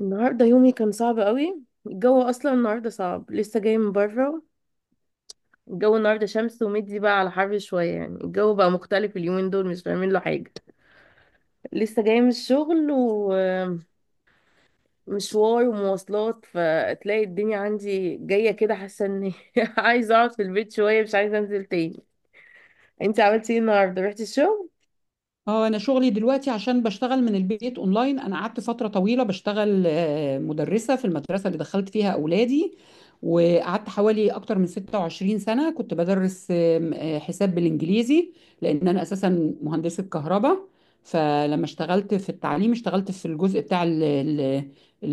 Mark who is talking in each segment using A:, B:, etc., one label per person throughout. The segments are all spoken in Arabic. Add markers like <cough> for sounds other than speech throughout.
A: النهارده يومي كان صعب قوي. الجو اصلا النهارده صعب، لسه جاي من بره. الجو النهارده شمس ومدي بقى على حر شويه، يعني الجو بقى مختلف اليومين دول، مش فاهمين له حاجه. لسه جاي من الشغل ومشوار ومواصلات، فتلاقي الدنيا عندي جايه كده، حاسه اني <laughs> عايزه اقعد في البيت شويه، مش عايزه انزل تاني. انت عملتي ايه النهارده؟ رحتي الشغل؟
B: اه انا شغلي دلوقتي عشان بشتغل من البيت اونلاين. انا قعدت فتره طويله بشتغل مدرسه في المدرسه اللي دخلت فيها اولادي، وقعدت حوالي اكتر من 26 سنه كنت بدرس آم، آه، حساب بالانجليزي، لان انا اساسا مهندسه كهرباء. فلما اشتغلت في التعليم اشتغلت في الجزء بتاع ال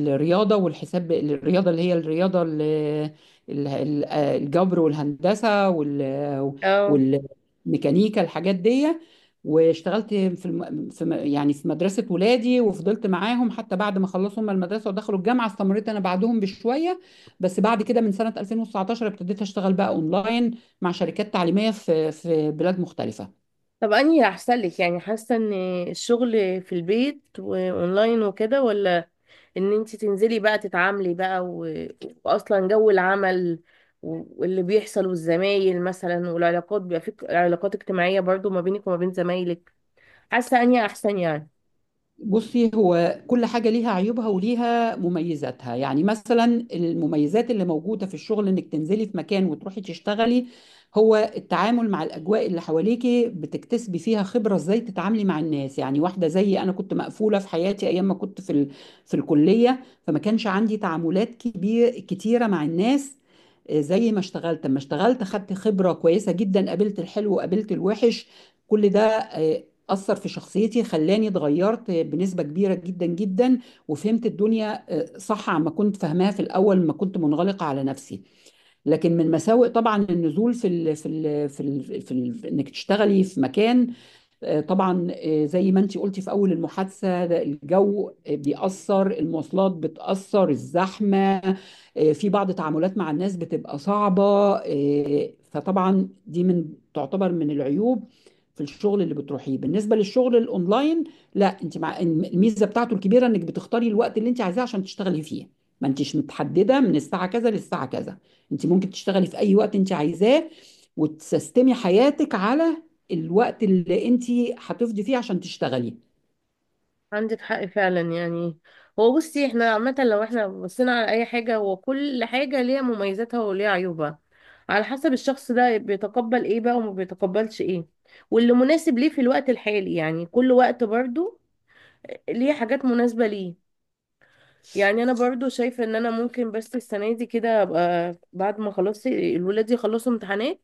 B: الرياضه والحساب، الرياضه اللي هي الرياضه الجبر والهندسه
A: اه.
B: والميكانيكا، الحاجات دي. واشتغلت في الم... في م- يعني في مدرسة ولادي، وفضلت معاهم حتى بعد ما خلصوا هم المدرسة ودخلوا الجامعة، استمريت أنا بعدهم بشوية. بس بعد كده من سنة 2019 ابتديت أشتغل بقى أونلاين مع شركات تعليمية في بلاد مختلفة.
A: طب انهي احسن لك؟ يعني حاسه ان الشغل في البيت واونلاين وكده، ولا ان انت تنزلي بقى تتعاملي بقى و... واصلا جو العمل واللي بيحصل والزمايل مثلا، والعلاقات بيبقى في علاقات اجتماعية برضو ما بينك وما بين زمايلك، حاسة اني احسن يعني.
B: بصي، هو كل حاجة ليها عيوبها وليها مميزاتها. يعني مثلا المميزات اللي موجودة في الشغل انك تنزلي في مكان وتروحي تشتغلي، هو التعامل مع الأجواء اللي حواليكي، بتكتسبي فيها خبرة ازاي تتعاملي مع الناس. يعني واحدة زيي أنا كنت مقفولة في حياتي أيام ما كنت في الكلية، فما كانش عندي تعاملات كبير كتيرة مع الناس. زي ما اشتغلت، اما اشتغلت خدت خبرة كويسة جدا، قابلت الحلو وقابلت الوحش. كل ده أثر في شخصيتي، خلاني اتغيرت بنسبة كبيرة جدا جدا. وفهمت الدنيا صح عما كنت فاهماها في الأول ما كنت منغلقة على نفسي. لكن من مساوئ طبعا النزول في ال إنك تشتغلي في مكان، طبعا زي ما انت قلتي في اول المحادثه، ده الجو بيأثر، المواصلات بتأثر، الزحمه، في بعض تعاملات مع الناس بتبقى صعبه. فطبعا دي من تعتبر من العيوب في الشغل اللي بتروحيه. بالنسبه للشغل الاونلاين، لا، انت مع الميزه بتاعته الكبيره انك بتختاري الوقت اللي انت عايزاه عشان تشتغلي فيه، ما انتش متحدده من الساعه كذا للساعه كذا، انت ممكن تشتغلي في اي وقت انت عايزاه، وتسيستمي حياتك على الوقت اللي انت هتفضي فيه عشان تشتغلي.
A: عندك حق فعلا يعني. هو بصي، احنا عامة لو احنا بصينا على اي حاجة، هو كل حاجة ليها مميزاتها وليها عيوبها، على حسب الشخص ده بيتقبل ايه بقى وما بيتقبلش ايه، واللي مناسب ليه في الوقت الحالي. يعني كل وقت برضو ليه حاجات مناسبة ليه. يعني انا برضو شايفه ان انا ممكن بس السنه دي كده ابقى، بعد ما خلاص الولاد يخلصوا امتحانات،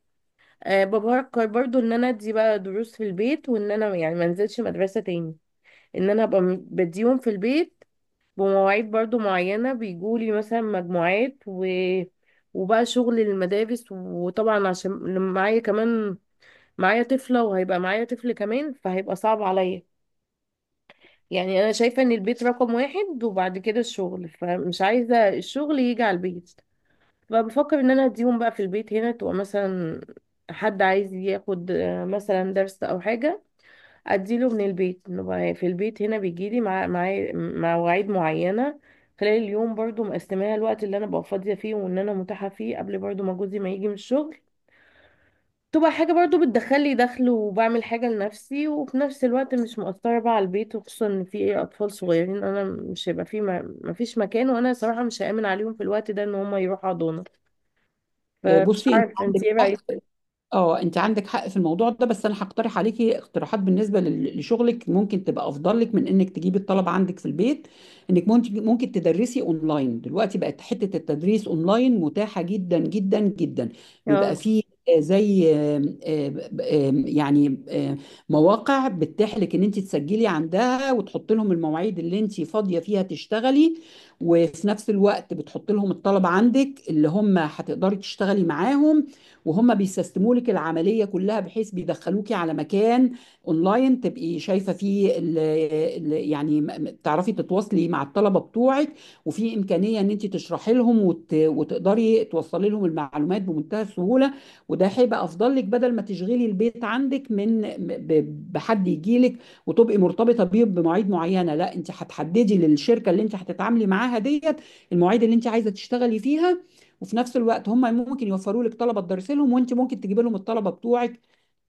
A: أه، بفكر برضو ان انا ادي بقى دروس في البيت، وان انا يعني ما انزلش مدرسه تاني. ان انا ابقى بديهم في البيت بمواعيد برضو معينه، بيجولي مثلا مجموعات و... وبقى شغل المدارس. وطبعا عشان لما معايا كمان، معايا طفله وهيبقى معايا طفل كمان، فهيبقى صعب عليا. يعني انا شايفه ان البيت رقم واحد وبعد كده الشغل، فمش عايزه الشغل يجي على البيت. فبفكر ان انا اديهم بقى في البيت هنا. تبقى مثلا حد عايز ياخد مثلا درس او حاجه، اديله من البيت، نبقى في البيت هنا، بيجيلي مع مواعيد معينه خلال اليوم، برضو مقسماها الوقت اللي انا ببقى فاضيه فيه وان انا متاحه فيه، قبل برضو ما جوزي ما يجي من الشغل. تبقى حاجه برضو بتدخل لي دخل وبعمل حاجه لنفسي، وفي نفس الوقت مش مؤثره بقى على البيت. وخصوصا ان في ايه اطفال صغيرين، انا مش هيبقى في، ما فيش مكان، وانا صراحه مش هامن عليهم في الوقت ده ان هم يروحوا حضانه. فمش
B: بصي، انت
A: عارفة انت
B: عندك
A: ايه
B: حق.
A: رأيك.
B: اه انت عندك حق في الموضوع ده، بس انا هقترح عليكي اقتراحات بالنسبه لشغلك، ممكن تبقى افضل لك من انك تجيبي الطلبه عندك في البيت. انك ممكن تدرسي اونلاين، دلوقتي بقت حته التدريس اونلاين متاحه جدا جدا جدا. بيبقى
A: اه.
B: فيه آه، زي آم، آم، آم، يعني آم، مواقع بتتيح لك ان انت تسجلي عندها وتحط لهم المواعيد اللي انت فاضيه فيها تشتغلي، وفي نفس الوقت بتحط لهم الطلبه عندك اللي هم هتقدري تشتغلي معاهم، وهم بيسيستموا لك العمليه كلها، بحيث بيدخلوكي على مكان اونلاين تبقي شايفه فيه ال يعني تعرفي تتواصلي مع الطلبه بتوعك، وفي امكانيه ان انت تشرحي لهم وتقدري توصلي لهم المعلومات بمنتهى السهوله. وده هيبقى افضل لك بدل ما تشغلي البيت عندك من بحد يجي لك وتبقي مرتبطه بيه بمواعيد معينه. لا، انت هتحددي للشركه اللي انت هتتعاملي معاها ديت المواعيد اللي انت عايزه تشتغلي فيها، وفي نفس الوقت هم ممكن يوفروا لك طلبه تدرسي لهم، وانت ممكن تجيبي لهم الطلبه بتوعك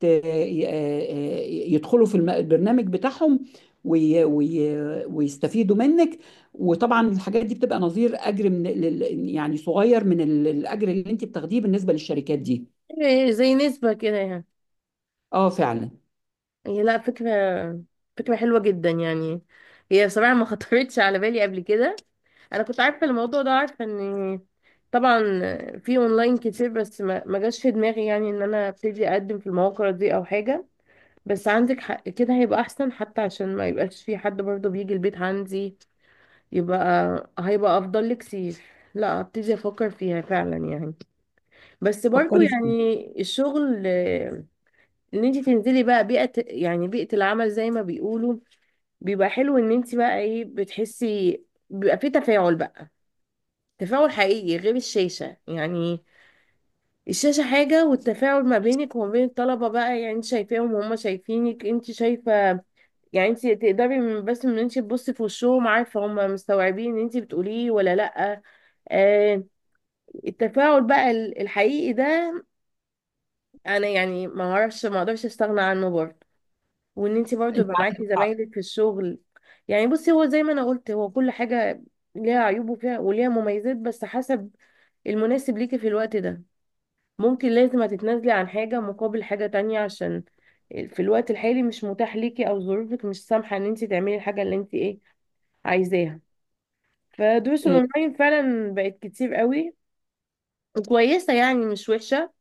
B: ت- ي- آه، يدخلوا في البرنامج بتاعهم وي وي ويستفيدوا منك. وطبعا الحاجات دي بتبقى نظير اجر يعني صغير من الاجر اللي انت بتاخديه بالنسبه للشركات دي.
A: إيه زي نسبة كده يعني؟
B: اه فعلا،
A: هي لا، فكرة، فكرة حلوة جدا يعني. هي بصراحة ما خطرتش على بالي قبل كده. انا كنت عارفة الموضوع ده، عارفة ان طبعا في اونلاين كتير، بس ما جاش في دماغي يعني ان انا ابتدي اقدم في المواقع دي او حاجة. بس عندك حق، كده هيبقى احسن حتى، عشان ما يبقاش في حد برضه بيجي البيت عندي. يبقى هيبقى افضل لك كتير. لا، ابتدي افكر فيها فعلا يعني. بس برضو
B: فكري فيها.
A: يعني الشغل، ان انت تنزلي بقى بيئة، يعني بيئة العمل زي ما بيقولوا، بيبقى حلو ان انت بقى ايه، بتحسي بيبقى في تفاعل بقى، تفاعل حقيقي غير الشاشة يعني. الشاشة حاجة، والتفاعل ما بينك وما بين الطلبة بقى، يعني انت شايفاهم وهم شايفينك، انت شايفة يعني. انت تقدري من بس من انت تبصي في وشهم، عارفة هم مستوعبين ان انت بتقوليه ولا لأ. آه، التفاعل بقى الحقيقي ده، انا يعني ما اعرفش ما اقدرش استغنى عنه برضه. وان انت برضه
B: انت
A: يبقى
B: عندك
A: معاكي
B: حق.
A: زمايلك في الشغل. يعني بصي، هو زي ما انا قلت، هو كل حاجه ليها عيوب وفيها وليها مميزات، بس حسب المناسب ليكي في الوقت ده. ممكن لازم هتتنازلي عن حاجه مقابل حاجه تانية، عشان في الوقت الحالي مش متاح ليكي، او ظروفك مش سامحه ان انت تعملي الحاجه اللي انت ايه عايزاها. فدروس
B: آه،
A: الاونلاين فعلا بقت كتير قوي وكويسه يعني، مش وحشه.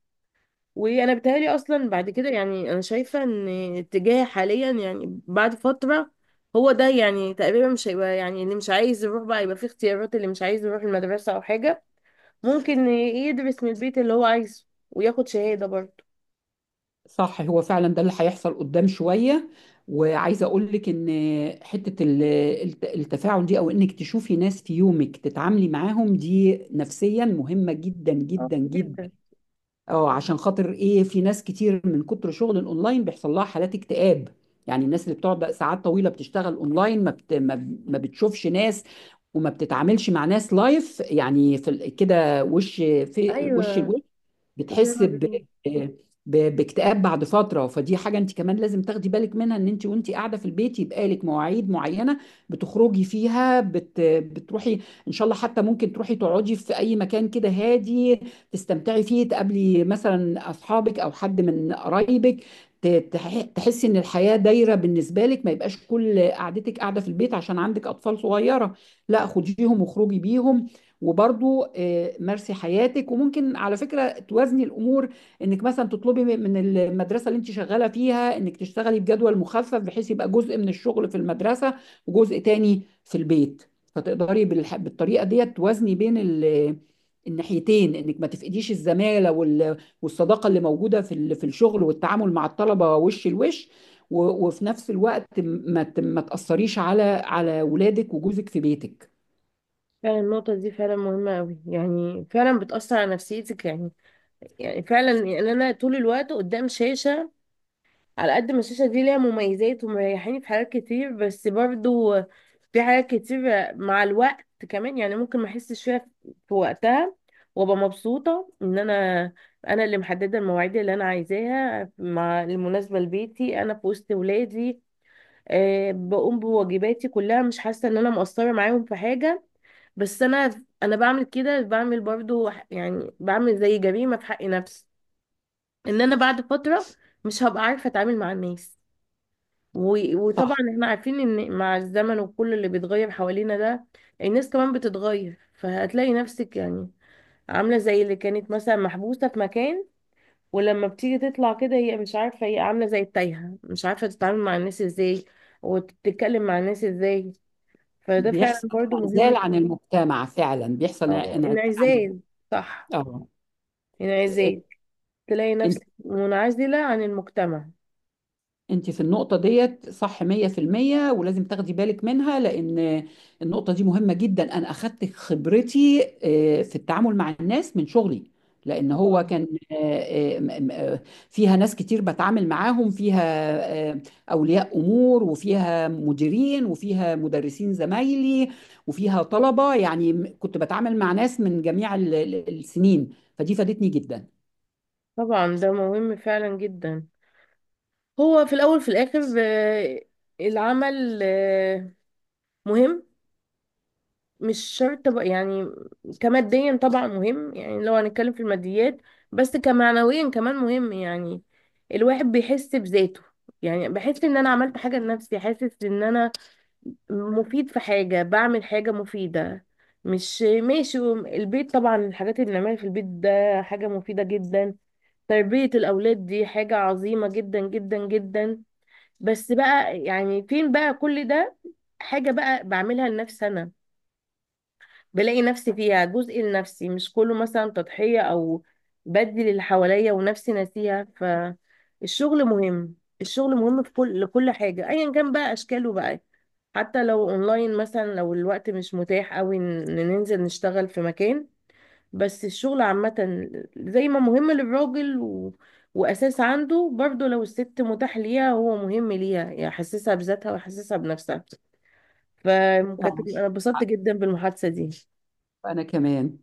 A: وانا بتهيألي اصلا بعد كده يعني، انا شايفه ان اتجاه حاليا يعني بعد فتره هو ده يعني تقريبا. مش هيبقى يعني اللي مش عايز يروح بقى، يبقى في اختيارات اللي مش عايز يروح المدرسه او حاجه، ممكن يدرس من البيت اللي هو عايزه وياخد شهاده برضه.
B: صح، هو فعلا ده اللي هيحصل قدام شوية. وعايزة أقول لك إن حتة التفاعل دي، أو إنك تشوفي ناس في يومك تتعاملي معاهم، دي نفسيا مهمة جدا
A: اه،
B: جدا جدا.
A: جدا.
B: اه عشان خاطر ايه، في ناس كتير من كتر شغل الاونلاين بيحصل لها حالات اكتئاب. يعني الناس اللي بتقعد ساعات طويله بتشتغل اونلاين ما بت... ما ما بتشوفش ناس، وما بتتعاملش مع ناس لايف، يعني في كده وش في وش،
A: ايوه.
B: الوش،
A: زي
B: بتحس
A: ما
B: ب...
A: بيقولوا.
B: ب... باكتئاب بعد فتره. فدي حاجه انت كمان لازم تاخدي بالك منها، ان انت وانت قاعده في البيت يبقى لك مواعيد معينه بتخرجي فيها، بتروحي ان شاء الله، حتى ممكن تروحي تقعدي في اي مكان كده هادي، تستمتعي فيه، تقابلي مثلا اصحابك او حد من قرايبك، ت- تحسي ان الحياه دايره بالنسبه لك، ما يبقاش كل قعدتك قاعده في البيت عشان عندك اطفال صغيره. لا، خديهم وخرجي بيهم، وبرضو مارسي حياتك. وممكن على فكره توازني الامور، انك مثلا تطلبي من المدرسه اللي انت شغاله فيها انك تشتغلي بجدول مخفف، بحيث يبقى جزء من الشغل في المدرسه وجزء تاني في البيت. فتقدري بالطريقه ديت توازني بين الناحيتين، انك ما تفقديش الزماله والصداقه اللي موجوده في في الشغل والتعامل مع الطلبه وش لوش، وفي نفس الوقت ما تاثريش على ولادك وجوزك في بيتك.
A: فعلا النقطة دي فعلا مهمة أوي يعني، فعلا بتأثر على نفسيتك يعني. يعني فعلا يعني أنا طول الوقت قدام شاشة، على قد ما الشاشة دي ليها مميزات ومريحاني في حاجات كتير، بس برضو في حاجات كتير مع الوقت كمان يعني، ممكن ما احسش فيها في وقتها. وابقى مبسوطة ان انا، انا اللي محددة المواعيد اللي انا عايزاها، مع المناسبة لبيتي، انا في وسط ولادي، أه، بقوم بواجباتي كلها مش حاسة ان انا مقصرة معاهم في حاجة. بس انا بعمل كده، بعمل برضو يعني بعمل زي جريمة في حق نفسي، ان انا بعد فترة مش هبقى عارفة اتعامل مع الناس. وطبعا
B: صح.
A: احنا عارفين ان مع الزمن وكل اللي بيتغير حوالينا ده، الناس كمان بتتغير. فهتلاقي نفسك يعني عاملة زي اللي كانت مثلا محبوسة في مكان، ولما بتيجي تطلع كده هي مش عارفة، هي عاملة زي التايهة، مش عارفة تتعامل مع الناس ازاي وتتكلم مع الناس ازاي. فده فعلا
B: بيحصل
A: برضو مهم.
B: انعزال عن المجتمع، فعلا بيحصل
A: اه،
B: انعزال عن.
A: انعزال. صح،
B: اه
A: انعزال، تلاقي
B: انت
A: نفسك منعزلة عن المجتمع.
B: انت في النقطة ديت صح 100%، ولازم تاخدي بالك منها، لأن النقطة دي مهمة جدا. أنا أخدت خبرتي في التعامل مع الناس من شغلي، لأن هو
A: طبعا.
B: كان آه، آه، م- م- آه، فيها ناس كتير بتعامل معاهم فيها، آه، أولياء أمور، وفيها مديرين، وفيها مدرسين زمايلي، وفيها طلبة، يعني كنت بتعامل مع ناس من جميع السنين، فدي فادتني جدا.
A: طبعا ده مهم فعلا جدا. هو في الأول في الآخر، العمل، مهم. مش شرط بقى يعني كماديا، طبعا مهم يعني لو هنتكلم في الماديات، بس كمعنويا كمان مهم يعني. الواحد بيحس بذاته، يعني بحس ان انا عملت حاجة لنفسي، حاسس ان انا مفيد في حاجة، بعمل حاجة مفيدة، مش ماشي البيت. طبعا الحاجات اللي بنعملها في البيت ده حاجة مفيدة جدا، تربية الأولاد دي حاجة عظيمة جدا جدا جدا. بس بقى يعني فين بقى كل ده، حاجة بقى بعملها لنفسي أنا، بلاقي نفسي فيها، جزء لنفسي مش كله مثلا تضحية، أو بدي اللي حواليا ونفسي ناسيها. فالشغل مهم، الشغل مهم في كل، لكل حاجة أيا كان بقى أشكاله بقى. حتى لو أونلاين مثلا، لو الوقت مش متاح أوي إن ننزل نشتغل في مكان. بس الشغل عامة زي ما مهم للراجل و... وأساس عنده، برضه لو الست متاح ليها هو مهم ليها، يحسسها بذاتها ويحسسها بنفسها. فكانت
B: آه،
A: أنا اتبسطت جدا بالمحادثة دي.
B: أنا كمان.